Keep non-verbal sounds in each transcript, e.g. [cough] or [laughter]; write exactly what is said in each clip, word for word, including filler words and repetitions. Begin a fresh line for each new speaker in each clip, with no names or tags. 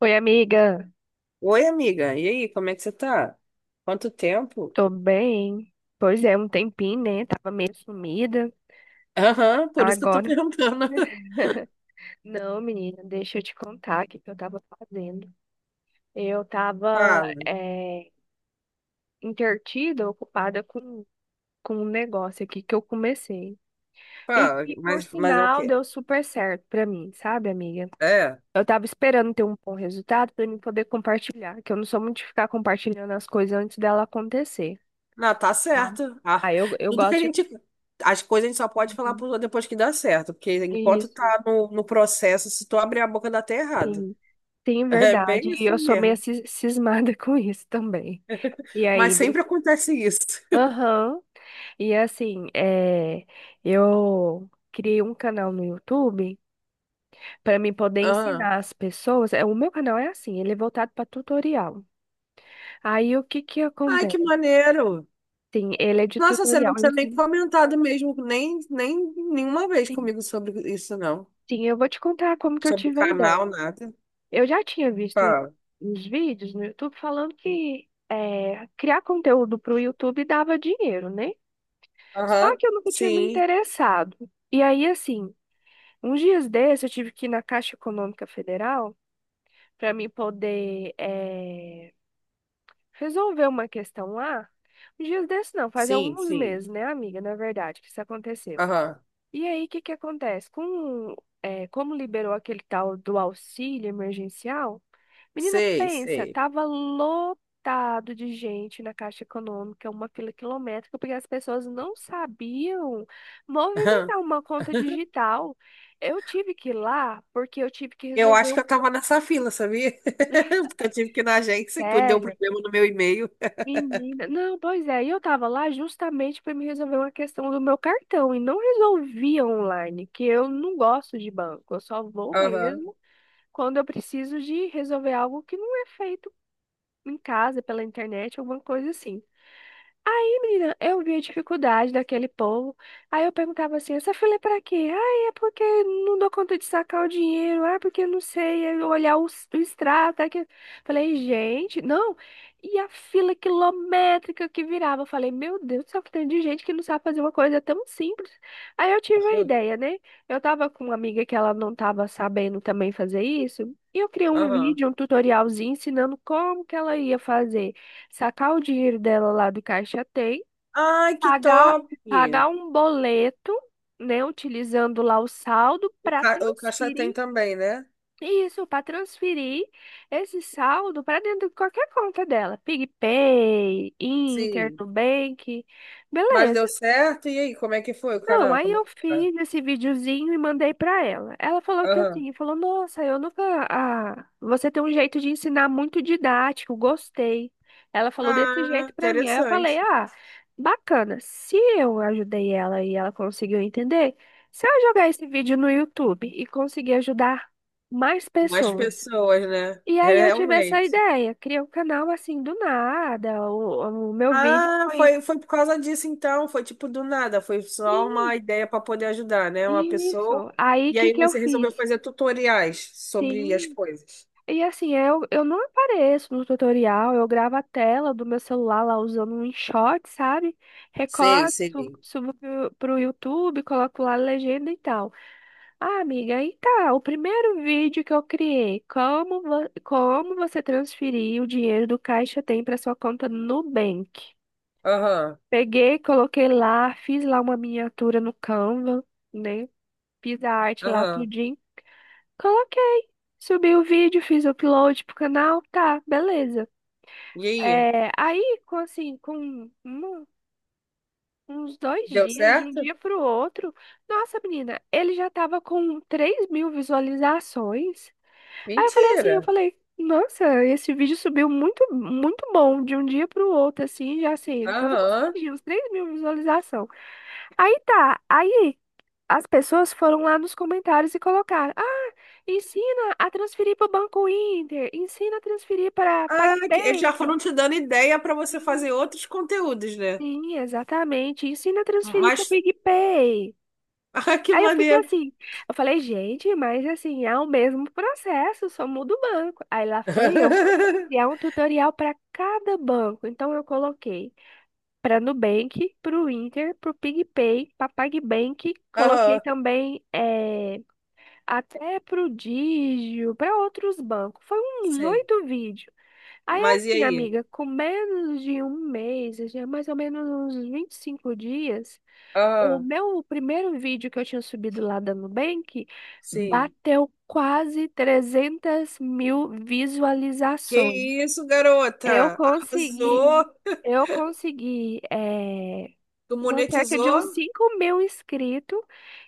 Oi, amiga.
Oi, amiga. E aí, como é que você tá? Quanto tempo?
Tô bem. Pois é, um tempinho, né? Tava meio sumida.
Aham, por isso que eu tô
Agora.
perguntando. [laughs]
Não, menina, deixa eu te contar o que que eu tava fazendo. Eu tava
Fala,
é, entretida, ocupada com, com um negócio aqui que eu comecei. E
fala.
que, por
Mas, mas é o
sinal,
quê?
deu super certo pra mim, sabe, amiga?
É.
Eu tava esperando ter um bom resultado pra mim poder compartilhar, que eu não sou muito de ficar compartilhando as coisas antes dela acontecer,
Não, tá
tá?
certo. Ah,
Aí eu, eu
tudo que a
gosto
gente. As coisas a gente só pode falar
de.
pro- depois que dá certo, porque enquanto
Isso,
tá no, no processo, se tu abrir a boca dá até errado.
sim. Sim,
[laughs] É
verdade.
bem
E
assim
eu sou meio
mesmo.
cis- cismada [laughs] com isso também. E
Mas
aí, de-
sempre acontece isso.
aham. E assim, é, eu criei um canal no YouTube para mim poder
Ah.
ensinar as pessoas. É, o meu canal é assim, ele é voltado para tutorial. Aí o que que
Ai, que
acontece?
maneiro!
Sim, ele é de
Nossa, você não
tutorial. Eu
precisa nem
ensino-
comentar do mesmo, nem, nem nenhuma vez
sim,
comigo sobre isso, não.
sim, eu vou te contar como que eu
Sobre
tive a
canal,
ideia.
nada.
Eu já tinha visto um-
Ah,
uns vídeos no YouTube falando que é, criar conteúdo para o YouTube dava dinheiro, né? Só
aham,
que eu nunca tinha me
sim,
interessado. E aí, assim, uns dias desses eu tive que ir na Caixa Econômica Federal para me poder eh, resolver uma questão lá. Uns dias desses não, faz
sim,
alguns
sim.
meses, né, amiga? Na verdade, que isso aconteceu.
Aham,
E aí, o que que acontece? Com, eh, como liberou aquele tal do auxílio emergencial, menina,
sei,
pensa,
sei.
tava lotado de gente na Caixa Econômica, uma fila quilométrica, porque as pessoas não sabiam
Aham.
movimentar uma conta digital. Eu tive que ir lá porque eu tive que
Eu
resolver
acho que
um
eu tava nessa fila, sabia? [laughs] Porque eu tive que ir na agência, que deu
sério.
problema no meu e-mail.
Menina, não, pois é, e eu tava lá justamente para me resolver uma questão do meu cartão e não resolvia online, que eu não gosto de banco, eu só vou
Aham,
mesmo quando eu preciso de resolver algo que não é feito em casa, pela internet, alguma coisa assim. Menina, eu vi a dificuldade daquele povo. Aí eu perguntava assim, essa fila é pra quê? Ah, é porque não dou conta de sacar o dinheiro. Ah, porque eu não sei é olhar o, s- o extrato. Tá aqui." Falei, gente, não. E a fila quilométrica que virava. Eu falei, meu Deus do céu, que tem de gente que não sabe fazer uma coisa tão simples. Aí eu tive a
aham,
ideia, né? Eu tava com uma amiga que ela não tava sabendo também fazer isso. E eu criei um
aham.
vídeo, um tutorialzinho ensinando como que ela ia fazer sacar o dinheiro dela lá do caixa tem
Ai, que
pagar,
top!
pagar um boleto, né, utilizando lá o saldo
O
para
ca- o Caixa Tem
transferir
também, né?
isso, para transferir esse saldo para dentro de qualquer conta dela, PicPay, Inter,
Sim.
Nubank,
Mas deu
beleza.
certo? E aí, como é que foi o
Não,
canal?
aí
Como é
eu
que tá?
fiz esse videozinho e mandei pra ela. Ela falou que
Aham.
assim, falou, nossa, eu nunca. Ah, você tem um jeito de ensinar muito didático, gostei. Ela falou desse
Ah,
jeito pra mim. Aí eu
interessante.
falei, ah, bacana. Se eu ajudei ela e ela conseguiu entender, se eu jogar esse vídeo no YouTube e conseguir ajudar mais
Mais
pessoas.
pessoas, né?
E aí eu tive essa
Realmente.
ideia, criei um canal assim do nada. O, o meu vídeo
Ah,
foi.
foi, foi por causa disso então, foi tipo do nada, foi só
Sim,
uma ideia para poder ajudar, né? Uma pessoa.
isso. Aí o
E
que
aí
que eu
você
fiz?
resolveu fazer tutoriais sobre as
Sim.
coisas.
E assim, eu, eu não apareço no tutorial, eu gravo a tela do meu celular lá usando um InShot, sabe?
Sei,
Recorto, subo,
sei.
subo pro, pro YouTube, coloco lá a legenda e tal. Ah, amiga, aí tá, o primeiro vídeo que eu criei, como, vo- como você transferir o dinheiro do Caixa Tem para sua conta no Nubank.
Aham,
Peguei, coloquei lá, fiz lá uma miniatura no Canva, né? Fiz a arte lá, tudo.
aham.
Coloquei. Subi o vídeo, fiz o upload pro canal, tá, beleza.
E aí,
É, aí, com assim, com um- uns dois
deu
dias, de um
certo?
dia pro outro, nossa, menina, ele já tava com três mil visualizações. Aí eu falei assim, eu
Mentira.
falei, nossa, esse vídeo subiu muito, muito bom, de um dia pro outro, assim, já assim, tava
Aham.
conseguindo uns três mil visualizações. Aí tá, aí. As pessoas foram lá nos comentários e colocaram: ah, ensina a transferir para o Banco Inter, ensina a transferir para
Ah, que- eles já
PagBank.
foram te dando ideia para você fazer outros conteúdos, né?
Sim, exatamente, ensina a transferir para o
Mas,
PicPay.
[laughs] ah, que
Aí eu fiquei
maneiro.
assim, eu falei, gente, mas assim, é o mesmo processo, só muda o banco. Aí lá foi eu criar
[laughs]
um tutorial para cada banco. Então eu coloquei para Nubank, para o Inter, para o PicPay, para PagBank, coloquei
Aham,
também eh, até Prodígio, para outros bancos. Foi uns
sim.
oito vídeos. Aí,
Mas e
assim,
aí?
amiga, com menos de um mês, assim, é mais ou menos uns vinte e cinco dias, o
Aham,
meu primeiro vídeo que eu tinha subido lá da Nubank
sim.
bateu quase trezentas mil
Que
visualizações.
isso,
Eu
garota? Arrasou!
consegui, eu consegui eh,
Tu
uma cerca de uns
monetizou?
cinco mil inscritos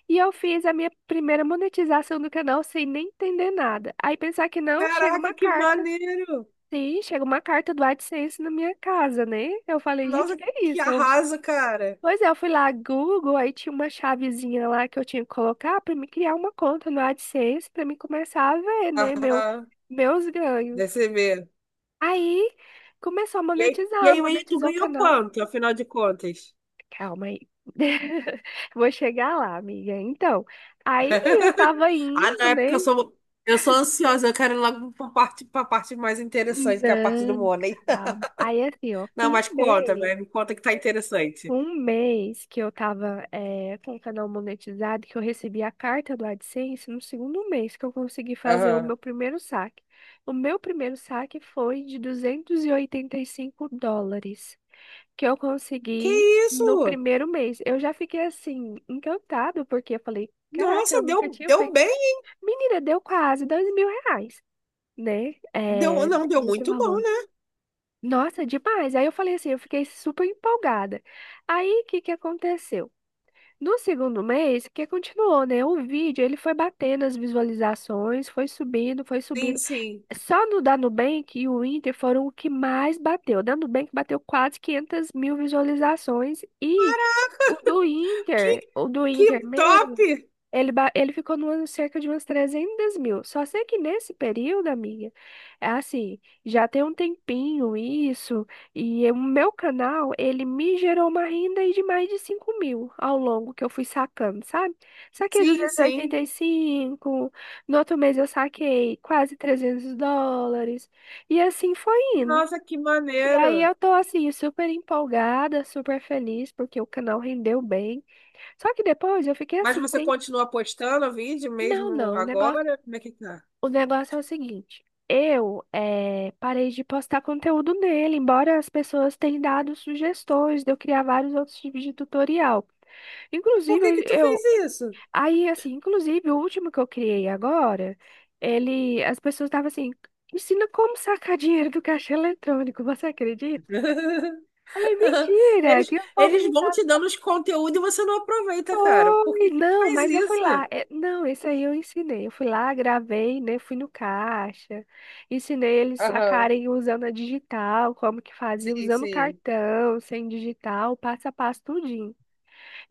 e eu fiz a minha primeira monetização do canal sem nem entender nada. Aí pensar que não, chega
Caraca,
uma
que
carta.
maneiro!
Sim, chega uma carta do AdSense na minha casa, né? Eu falei, gente,
Nossa,
que é
que
isso? Eu-
arraso, cara!
pois é, eu fui lá Google, aí tinha uma chavezinha lá que eu tinha que colocar para me criar uma conta no AdSense para me começar a ver, né, meu,
Aham,
meus ganhos.
deve ser mesmo.
Aí começou a
E aí, e
monetizar,
aí, aí, tu
monetizou o
ganhou
canal.
quanto, afinal de contas?
Calma aí. [laughs] Vou chegar lá, amiga. Então, aí eu
[laughs]
tava
Ah, não,
indo,
é porque
né?
eu sou, eu sou ansiosa, eu quero ir logo pra parte, pra parte mais interessante, que é a parte do
Não,
money.
calma. Aí assim, ó,
[laughs]
com
Não, mas
um
conta,
mês,
velho, me conta que tá interessante.
com um mês que eu tava eh, com o canal monetizado, que eu recebi a carta do AdSense, no segundo mês que eu consegui fazer o
Aham.
meu primeiro saque. O meu primeiro saque foi de duzentos e e oitenta e cinco dólares, que eu
Que
consegui no
isso?
primeiro mês. Eu já fiquei assim, encantado, porque eu falei, caraca, eu
Nossa,
nunca
deu,
tinha
deu
feito.
bem.
Menina, deu quase dois mil reais, né?
Deu,
É,
não, deu
nesse
muito bom,
valor.
né?
Nossa, demais. Aí eu falei assim, eu fiquei super empolgada. Aí, o que que aconteceu? No segundo mês, que continuou, né? O vídeo, ele foi batendo as visualizações, foi subindo, foi
Sim,
subindo.
sim.
Só no da Nubank e o Inter foram o que mais bateu. O da Nubank bateu quase quinhentas mil visualizações e o do
Que,
Inter, o do
que
Inter
top!
mesmo. Ele, ba- ele ficou no ano cerca de umas trezentas mil. Só sei que nesse período, amiga, é assim, já tem um tempinho isso, e o meu canal, ele me gerou uma renda aí de mais de cinco mil ao longo que eu fui sacando, sabe? Saquei
Sim,
duzentos e
sim.
oitenta e cinco no outro mês eu saquei quase trezentos dólares, e assim foi indo.
Nossa, que
E aí
maneiro.
eu tô assim, super empolgada, super feliz, porque o canal rendeu bem. Só que depois eu fiquei
Mas
assim,
você
sem
continua postando o vídeo
não,
mesmo
não. O negócio,
agora? Como é que tá?
o negócio é o seguinte. Eu eh, parei de postar conteúdo nele, embora as pessoas tenham dado sugestões de eu criar vários outros tipos de tutorial.
Por
Inclusive,
que
eu,
que tu fez
eu-
isso?
aí assim, inclusive o último que eu criei agora, ele, as pessoas estavam assim, ensina como sacar dinheiro do caixa eletrônico, [laughs] você acredita?
[laughs]
Falei, mentira,
Eles,
que o povo
eles
não
vão te dando os conteúdos e você não aproveita, cara. Por
oi,
que que tu
não,
faz
mas eu fui
isso?
lá. É, não, esse aí eu ensinei. Eu fui lá, gravei, né? Fui no caixa, ensinei eles
Aham.
sacarem usando a digital, como que fazia,
Sim,
usando
sim.
cartão, sem digital, passo a passo, tudinho.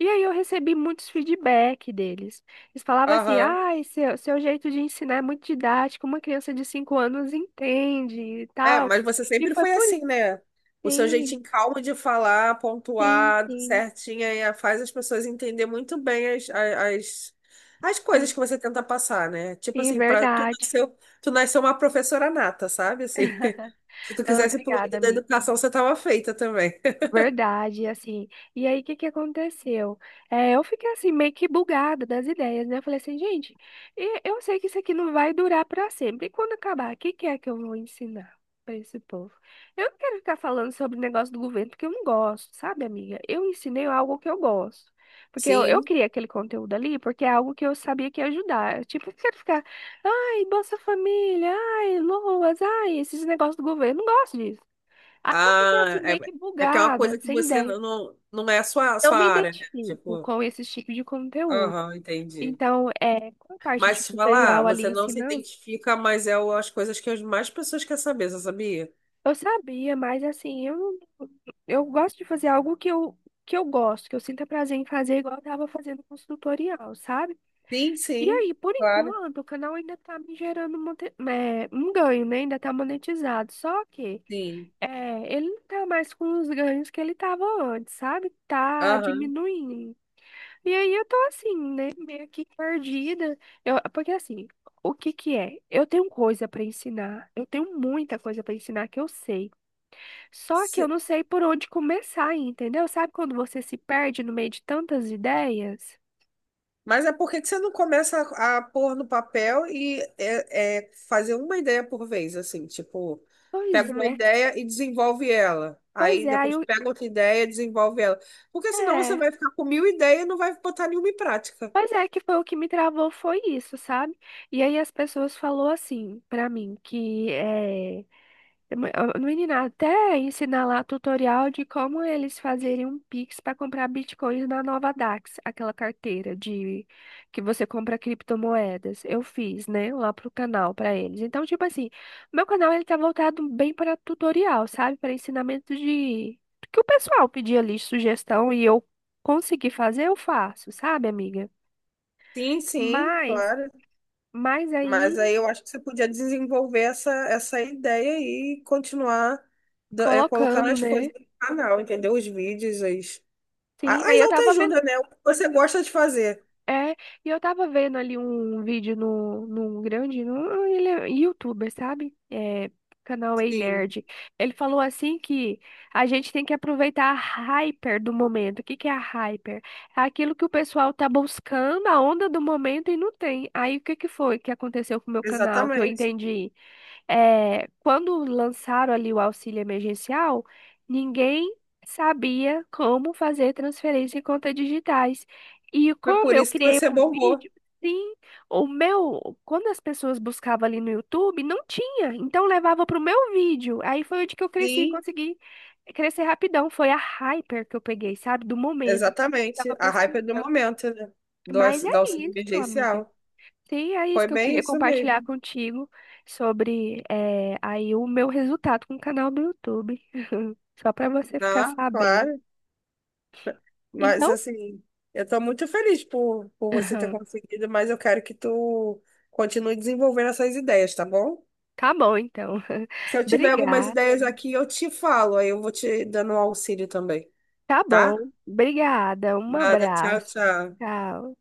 E aí eu recebi muitos feedback deles. Eles falavam assim:
Aham.
ah, seu, seu jeito de ensinar é muito didático, uma criança de cinco anos entende e
É,
tal.
mas você
E
sempre
foi
foi
por
assim,
isso.
né? O seu
Sim,
jeitinho calmo de falar,
sim,
pontuado,
sim,
certinho, aí faz as pessoas entender muito bem as, a- as, as coisas
sim,
que você tenta passar, né? Tipo
sim,
assim, pra, tu
verdade.
nasceu, tu nasceu uma professora nata, sabe? Assim,
[laughs]
[laughs] se tu
Não,
quisesse pro
obrigada,
lado da
amiga.
educação, você tava feita também.
Verdade, assim. E aí, o que que aconteceu? É, eu fiquei assim, meio que bugada das ideias, né? Eu falei assim, gente, e- eu sei que isso aqui não vai durar para sempre. E quando acabar, o que que é que eu vou ensinar para esse povo? Eu não quero ficar falando sobre o negócio do governo, porque eu não gosto, sabe, amiga? Eu ensinei algo que eu gosto. Porque eu, eu
Sim.
criei aquele conteúdo ali, porque é algo que eu sabia que ia ajudar. Tipo, eu quero ficar, ai, Bolsa Família, ai, Loas, ai, esses negócios do governo. Eu não gosto disso. Aí eu fiquei assim,
Ah, é,
meio que
é porque é uma
bugada,
coisa que
sem
você
ideia.
não, não não é a sua, a
Não
sua
me
área, né?
identifico
Tipo,
com esse tipo de conteúdo.
aham, entendi.
Então, é, com a parte de
Mas te falar,
tutorial ali
você não se
ensinando,
identifica, mas é o- as coisas que as mais pessoas querem saber, você sabia?
eu sabia, mas assim, eu, eu gosto de fazer algo que eu, que eu gosto, que eu sinta prazer em fazer, igual eu tava fazendo com o tutorial, sabe?
Sim,
E
sim.
aí, por
Claro.
enquanto, o canal ainda tá me gerando monte- é, um ganho, né? Ainda tá monetizado. Só que
Sim.
é, ele não tá mais com os ganhos que ele tava antes, sabe? Tá
Aham.
diminuindo. E aí eu tô assim, né, meio que perdida. Eu, porque assim, o que que é? Eu tenho coisa pra ensinar, eu tenho muita coisa pra ensinar que eu sei. Só que eu
Se-
não sei por onde começar, entendeu? Sabe quando você se perde no meio de tantas ideias?
mas é por que que você não começa a, a pôr no papel e é, é, fazer uma ideia por vez, assim, tipo, pega
Pois
uma
é,
ideia e desenvolve ela.
pois
Aí
é, aí
depois
eu,
pega outra ideia e desenvolve ela. Porque senão você
é,
vai ficar com mil ideias e não vai botar nenhuma em prática.
pois é que foi o que me travou foi isso, sabe? E aí as pessoas falou assim pra mim que é menina, até ensinar lá tutorial de como eles fazerem um Pix para comprar bitcoins na nova D A X, aquela carteira de que você compra criptomoedas. Eu fiz, né, lá pro canal para eles. Então, tipo assim, meu canal ele tá voltado bem para tutorial, sabe? Para ensinamento de que o pessoal pedia ali sugestão e eu consegui fazer, eu faço, sabe, amiga?
Sim, sim,
Mas,
claro.
mas
Mas
aí
aí eu acho que você podia desenvolver essa, essa ideia aí e continuar da- é, colocando
colocando,
as coisas
né?
no canal, entendeu? Os vídeos, as, a-
Sim, aí
as
eu tava vendo.
autoajuda, né? O que você gosta de fazer.
É, e eu tava vendo ali um vídeo no, num grande, no, ele é youtuber, sabe? É, canal Ei
Sim,
Nerd. Ele falou assim que a gente tem que aproveitar a hyper do momento. O que que é a hyper? É aquilo que o pessoal tá buscando, a onda do momento e não tem. Aí o que que foi que aconteceu com o meu canal, que eu
exatamente.
entendi? É, quando lançaram ali o auxílio emergencial, ninguém sabia como fazer transferência em contas digitais. E
Foi
como
por
eu
isso que
criei
você
um
bombou.
vídeo, sim, o meu, quando as pessoas buscavam ali no YouTube, não tinha, então levava para o meu vídeo. Aí foi onde que eu cresci,
Sim.
consegui crescer rapidão. Foi a hyper que eu peguei, sabe, do momento. O povo tava
Exatamente. A hype é do
pesquisando.
momento, né? Do,
Mas
da
é
auxílio
isso, amiga.
emergencial.
Sim, é isso
Foi
que eu
bem
queria
isso
compartilhar
mesmo.
contigo sobre eh, aí o meu resultado com o canal do YouTube. [laughs] Só para você ficar
Ah,
sabendo.
claro. Mas
Então,
assim, eu estou muito feliz por, por você ter
[laughs]
conseguido, mas eu quero que tu continue desenvolvendo essas ideias, tá bom?
tá bom, então. [laughs]
Se eu tiver algumas
Obrigada.
ideias aqui, eu te falo, aí eu vou te dando um auxílio também,
Tá
tá?
bom. Obrigada. Um
Nada, tchau,
abraço.
tchau.
Tchau.